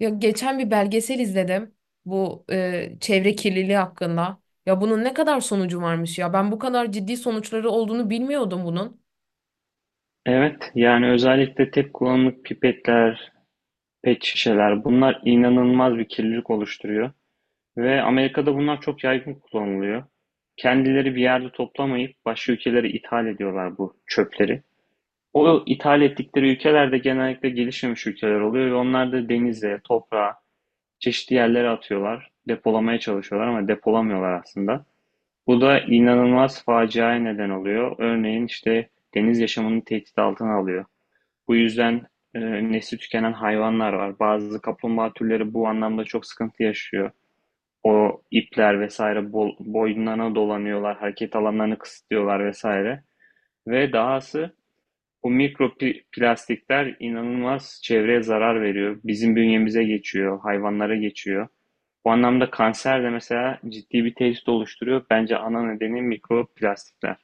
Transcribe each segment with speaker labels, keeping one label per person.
Speaker 1: Yok geçen bir belgesel izledim bu çevre kirliliği hakkında. Ya bunun ne kadar sonucu varmış ya. Ben bu kadar ciddi sonuçları olduğunu bilmiyordum bunun.
Speaker 2: Evet, yani özellikle tek kullanımlık pipetler, pet şişeler bunlar inanılmaz bir kirlilik oluşturuyor. Ve Amerika'da bunlar çok yaygın kullanılıyor. Kendileri bir yerde toplamayıp başka ülkelere ithal ediyorlar bu çöpleri. O ithal ettikleri ülkeler de genellikle gelişmemiş ülkeler oluyor ve onlar da denize, toprağa, çeşitli yerlere atıyorlar. Depolamaya çalışıyorlar ama depolamıyorlar aslında. Bu da inanılmaz faciaya neden oluyor. Örneğin işte deniz yaşamını tehdit altına alıyor. Bu yüzden e, nesli tükenen hayvanlar var. Bazı kaplumbağa türleri bu anlamda çok sıkıntı yaşıyor. O ipler vesaire bol, boyunlarına dolanıyorlar, hareket alanlarını kısıtlıyorlar vesaire. Ve dahası bu mikroplastikler inanılmaz çevreye zarar veriyor. Bizim bünyemize geçiyor, hayvanlara geçiyor. Bu anlamda kanser de mesela ciddi bir tehdit oluşturuyor. Bence ana nedeni mikroplastikler.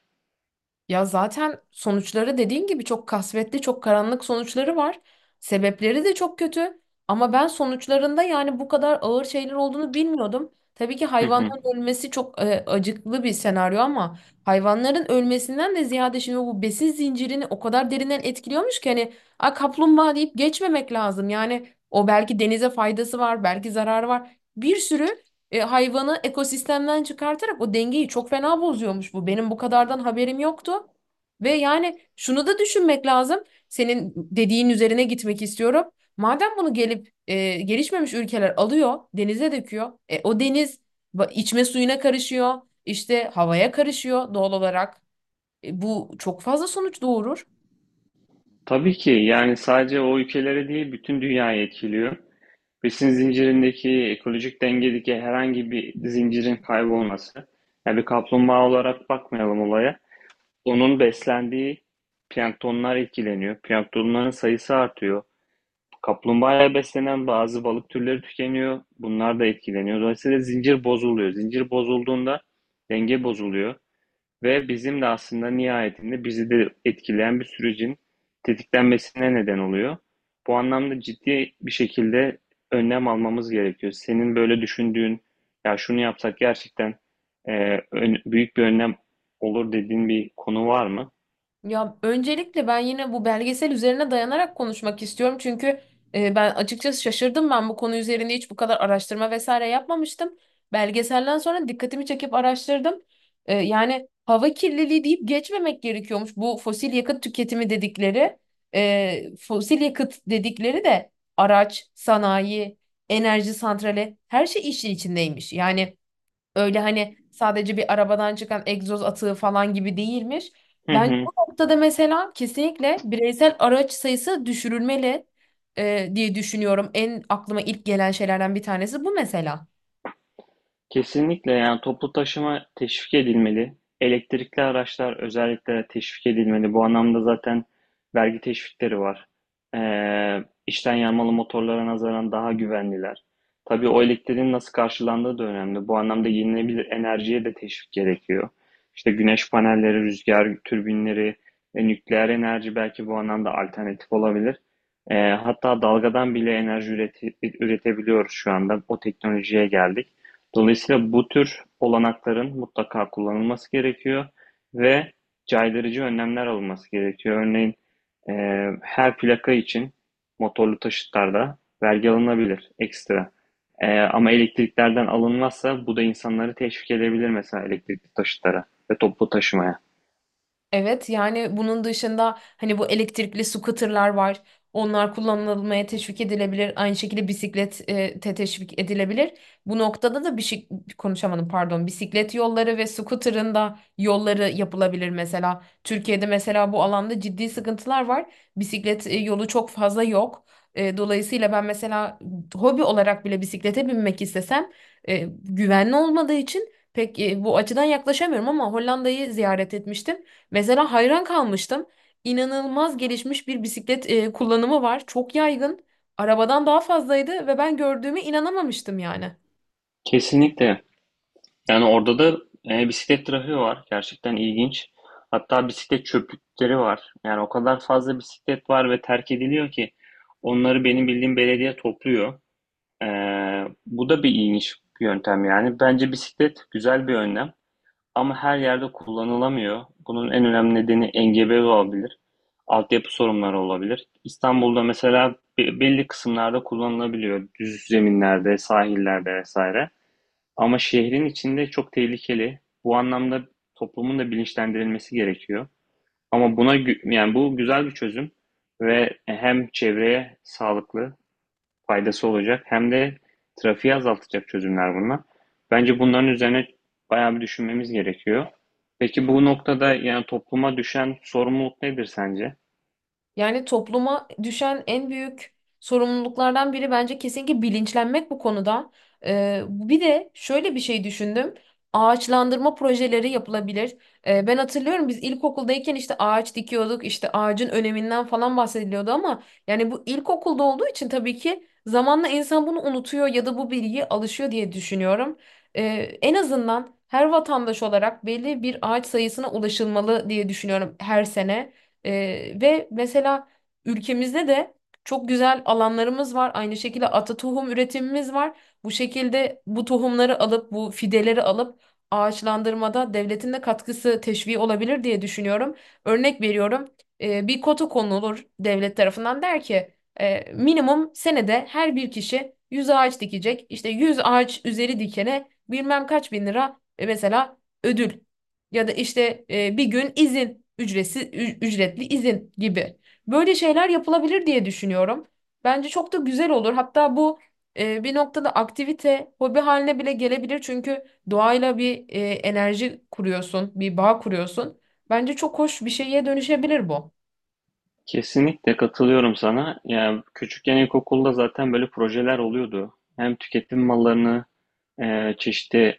Speaker 1: Ya zaten sonuçları dediğin gibi çok kasvetli, çok karanlık sonuçları var. Sebepleri de çok kötü. Ama ben sonuçlarında yani bu kadar ağır şeyler olduğunu bilmiyordum. Tabii ki
Speaker 2: Hı hı.
Speaker 1: hayvanların ölmesi çok acıklı bir senaryo ama hayvanların ölmesinden de ziyade şimdi bu besin zincirini o kadar derinden etkiliyormuş ki hani a kaplumbağa deyip geçmemek lazım. Yani o belki denize faydası var, belki zararı var. Bir sürü hayvanı ekosistemden çıkartarak o dengeyi çok fena bozuyormuş bu. Benim bu kadardan haberim yoktu. Ve yani şunu da düşünmek lazım. Senin dediğin üzerine gitmek istiyorum. Madem bunu gelip gelişmemiş ülkeler alıyor, denize döküyor. O deniz içme suyuna karışıyor, işte havaya karışıyor doğal olarak. Bu çok fazla sonuç doğurur.
Speaker 2: Tabii ki yani sadece o ülkelere değil bütün dünyayı etkiliyor. Besin zincirindeki ekolojik dengedeki herhangi bir zincirin kaybolması. Yani bir kaplumbağa olarak bakmayalım olaya. Onun beslendiği planktonlar etkileniyor. Planktonların sayısı artıyor. Kaplumbağaya beslenen bazı balık türleri tükeniyor. Bunlar da etkileniyor. Dolayısıyla zincir bozuluyor. Zincir bozulduğunda denge bozuluyor. Ve bizim de aslında nihayetinde bizi de etkileyen bir sürecin tetiklenmesine neden oluyor. Bu anlamda ciddi bir şekilde önlem almamız gerekiyor. Senin böyle düşündüğün, ya şunu yapsak gerçekten e, büyük bir önlem olur dediğin bir konu var mı?
Speaker 1: Ya öncelikle ben yine bu belgesel üzerine dayanarak konuşmak istiyorum. Çünkü ben açıkçası şaşırdım. Ben bu konu üzerinde hiç bu kadar araştırma vesaire yapmamıştım. Belgeselden sonra dikkatimi çekip araştırdım. Yani hava kirliliği deyip geçmemek gerekiyormuş. Bu fosil yakıt tüketimi dedikleri, fosil yakıt dedikleri de araç, sanayi, enerji santrali her şey işin içindeymiş. Yani öyle hani sadece bir arabadan çıkan egzoz atığı falan gibi değilmiş.
Speaker 2: Hı
Speaker 1: Bence bu
Speaker 2: hı.
Speaker 1: noktada mesela kesinlikle bireysel araç sayısı düşürülmeli diye düşünüyorum. En aklıma ilk gelen şeylerden bir tanesi bu mesela.
Speaker 2: Kesinlikle yani toplu taşıma teşvik edilmeli. Elektrikli araçlar özellikle teşvik edilmeli. Bu anlamda zaten vergi teşvikleri var. İçten yanmalı motorlara nazaran daha güvenliler. Tabii o elektriğin nasıl karşılandığı da önemli. Bu anlamda yenilenebilir enerjiye de teşvik gerekiyor. İşte güneş panelleri, rüzgar türbinleri, nükleer enerji belki bu anlamda alternatif olabilir. Hatta dalgadan bile enerji üretebiliyoruz şu anda. O teknolojiye geldik. Dolayısıyla bu tür olanakların mutlaka kullanılması gerekiyor ve caydırıcı önlemler alınması gerekiyor. Örneğin e, her plaka için motorlu taşıtlarda vergi alınabilir ekstra. Ama elektriklerden alınmazsa bu da insanları teşvik edebilir mesela elektrikli taşıtlara ve toplu taşımaya.
Speaker 1: Evet, yani bunun dışında hani bu elektrikli scooter'lar var. Onlar kullanılmaya teşvik edilebilir. Aynı şekilde bisiklet e, te teşvik edilebilir. Bu noktada da bir şey konuşamadım, pardon. Bisiklet yolları ve scooter'ın da yolları yapılabilir mesela. Türkiye'de mesela bu alanda ciddi sıkıntılar var. Bisiklet yolu çok fazla yok. Dolayısıyla ben mesela hobi olarak bile bisiklete binmek istesem e, güvenli olmadığı için pek bu açıdan yaklaşamıyorum ama Hollanda'yı ziyaret etmiştim. Mesela hayran kalmıştım. İnanılmaz gelişmiş bir bisiklet kullanımı var. Çok yaygın. Arabadan daha fazlaydı ve ben gördüğüme inanamamıştım yani.
Speaker 2: Kesinlikle. Yani orada da bisiklet trafiği var. Gerçekten ilginç. Hatta bisiklet çöplükleri var. Yani o kadar fazla bisiklet var ve terk ediliyor ki onları benim bildiğim belediye topluyor. E, Bu da bir ilginç bir yöntem yani. Bence bisiklet güzel bir önlem ama her yerde kullanılamıyor. Bunun en önemli nedeni engebe olabilir. Altyapı sorunları olabilir. İstanbul'da mesela belli kısımlarda kullanılabiliyor. Düz zeminlerde, sahillerde vesaire. Ama şehrin içinde çok tehlikeli. Bu anlamda toplumun da bilinçlendirilmesi gerekiyor. Ama buna yani bu güzel bir çözüm ve hem çevreye sağlıklı faydası olacak hem de trafiği azaltacak çözümler bunlar. Bence bunların üzerine bayağı bir düşünmemiz gerekiyor. Peki bu noktada yani topluma düşen sorumluluk nedir sence?
Speaker 1: Yani topluma düşen en büyük sorumluluklardan biri bence kesinlikle bilinçlenmek bu konuda. Bir de şöyle bir şey düşündüm. Ağaçlandırma projeleri yapılabilir. Ben hatırlıyorum biz ilkokuldayken işte ağaç dikiyorduk, işte ağacın öneminden falan bahsediliyordu ama yani bu ilkokulda olduğu için tabii ki zamanla insan bunu unutuyor ya da bu bilgiye alışıyor diye düşünüyorum. Ee, En azından her vatandaş olarak belli bir ağaç sayısına ulaşılmalı diye düşünüyorum her sene. Ve mesela ülkemizde de çok güzel alanlarımız var. Aynı şekilde ata tohum üretimimiz var. Bu şekilde bu tohumları alıp bu fideleri alıp ağaçlandırmada devletin de katkısı teşvii olabilir diye düşünüyorum. Örnek veriyorum. Bir kota konulur devlet tarafından, der ki minimum senede her bir kişi 100 ağaç dikecek. İşte 100 ağaç üzeri dikene bilmem kaç bin lira mesela ödül ya da işte bir gün izin, ücretsiz ücretli izin gibi. Böyle şeyler yapılabilir diye düşünüyorum. Bence çok da güzel olur. Hatta bu bir noktada aktivite, hobi haline bile gelebilir. Çünkü doğayla bir enerji kuruyorsun, bir bağ kuruyorsun. Bence çok hoş bir şeye dönüşebilir bu.
Speaker 2: Kesinlikle katılıyorum sana. Yani küçükken ilkokulda zaten böyle projeler oluyordu. Hem tüketim mallarını çeşitli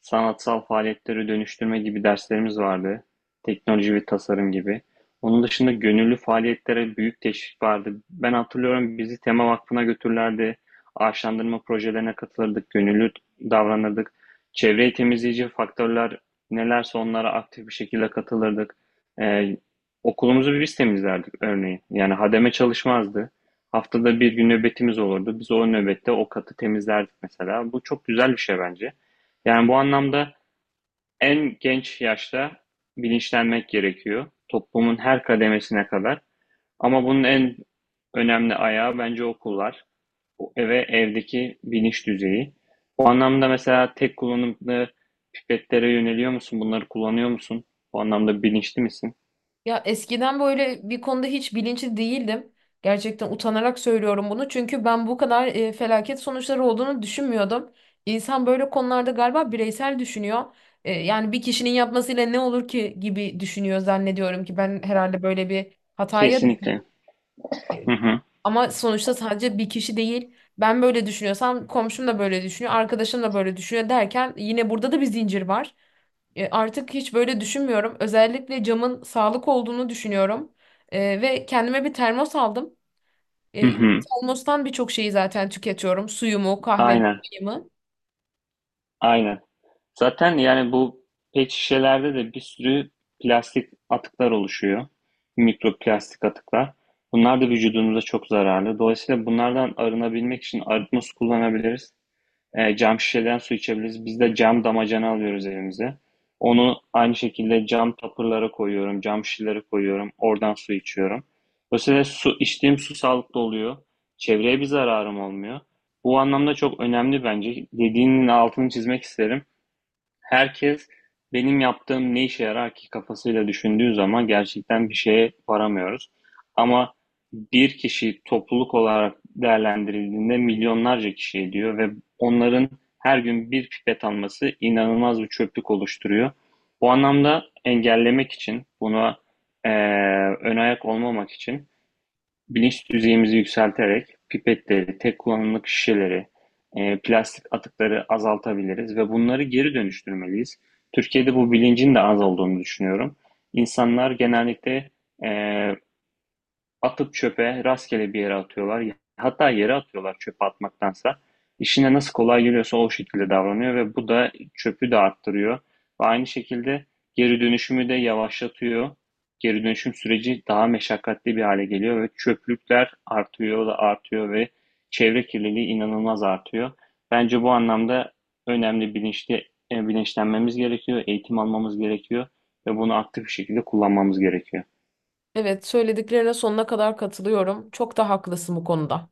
Speaker 2: sanatsal faaliyetleri dönüştürme gibi derslerimiz vardı. Teknoloji ve tasarım gibi. Onun dışında gönüllü faaliyetlere büyük teşvik vardı. Ben hatırlıyorum bizi Tema Vakfı'na götürürlerdi. Ağaçlandırma projelerine katılırdık, gönüllü davranırdık. Çevreyi temizleyici faktörler nelerse onlara aktif bir şekilde katılırdık. Eee, Okulumuzu biz temizlerdik örneğin. Yani hademe çalışmazdı. Haftada bir gün nöbetimiz olurdu. Biz o nöbette o katı temizlerdik mesela. Bu çok güzel bir şey bence. Yani bu anlamda en genç yaşta bilinçlenmek gerekiyor. Toplumun her kademesine kadar. Ama bunun en önemli ayağı bence okullar. O eve Evdeki bilinç düzeyi. Bu anlamda mesela tek kullanımlı pipetlere yöneliyor musun? Bunları kullanıyor musun? Bu anlamda bilinçli misin?
Speaker 1: Ya eskiden böyle bir konuda hiç bilinçli değildim. Gerçekten utanarak söylüyorum bunu. Çünkü ben bu kadar felaket sonuçları olduğunu düşünmüyordum. İnsan böyle konularda galiba bireysel düşünüyor. Yani bir kişinin yapmasıyla ne olur ki gibi düşünüyor, zannediyorum ki ben herhalde böyle bir hataya düştüm.
Speaker 2: Kesinlikle. Hı hı.
Speaker 1: Ama sonuçta sadece bir kişi değil. Ben böyle düşünüyorsam komşum da böyle düşünüyor, arkadaşım da böyle düşünüyor derken yine burada da bir zincir var. Artık hiç böyle düşünmüyorum. Özellikle camın sağlık olduğunu düşünüyorum. Ve kendime bir termos aldım.
Speaker 2: Hı
Speaker 1: Bu
Speaker 2: hı.
Speaker 1: termostan birçok şeyi zaten tüketiyorum. Suyumu, kahvemi,
Speaker 2: Aynen.
Speaker 1: çayımı.
Speaker 2: Aynen. Zaten yani bu pet şişelerde de bir sürü plastik atıklar oluşuyor. Mikroplastik atıklar. Bunlar da vücudumuza çok zararlı. Dolayısıyla bunlardan arınabilmek için arıtma su kullanabiliriz. Cam şişeden su içebiliriz. Biz de cam damacana alıyoruz evimize. Onu aynı şekilde cam tapırlara koyuyorum, cam şişelere koyuyorum. Oradan su içiyorum. Dolayısıyla su, içtiğim su sağlıklı oluyor. Çevreye bir zararım olmuyor. Bu anlamda çok önemli bence. Dediğinin altını çizmek isterim. Herkes, "Benim yaptığım ne işe yarar ki?" kafasıyla düşündüğü zaman gerçekten bir şeye varamıyoruz. Ama bir kişi topluluk olarak değerlendirildiğinde milyonlarca kişi ediyor ve onların her gün bir pipet alması inanılmaz bir çöplük oluşturuyor. Bu anlamda engellemek için, buna eee ön ayak olmamak için bilinç düzeyimizi yükselterek pipetleri, tek kullanımlık şişeleri, plastik atıkları azaltabiliriz ve bunları geri dönüştürmeliyiz. Türkiye'de bu bilincin de az olduğunu düşünüyorum. İnsanlar genellikle eee, atıp çöpe, rastgele bir yere atıyorlar. Hatta yere atıyorlar çöpe atmaktansa. İşine nasıl kolay geliyorsa o şekilde davranıyor ve bu da çöpü de arttırıyor. Ve aynı şekilde geri dönüşümü de yavaşlatıyor. Geri dönüşüm süreci daha meşakkatli bir hale geliyor ve çöplükler artıyor da artıyor ve çevre kirliliği inanılmaz artıyor. Bence bu anlamda önemli bilinçlenmemiz gerekiyor, eğitim almamız gerekiyor ve bunu aktif bir şekilde kullanmamız gerekiyor.
Speaker 1: Evet, söylediklerine sonuna kadar katılıyorum. Çok da haklısın bu konuda.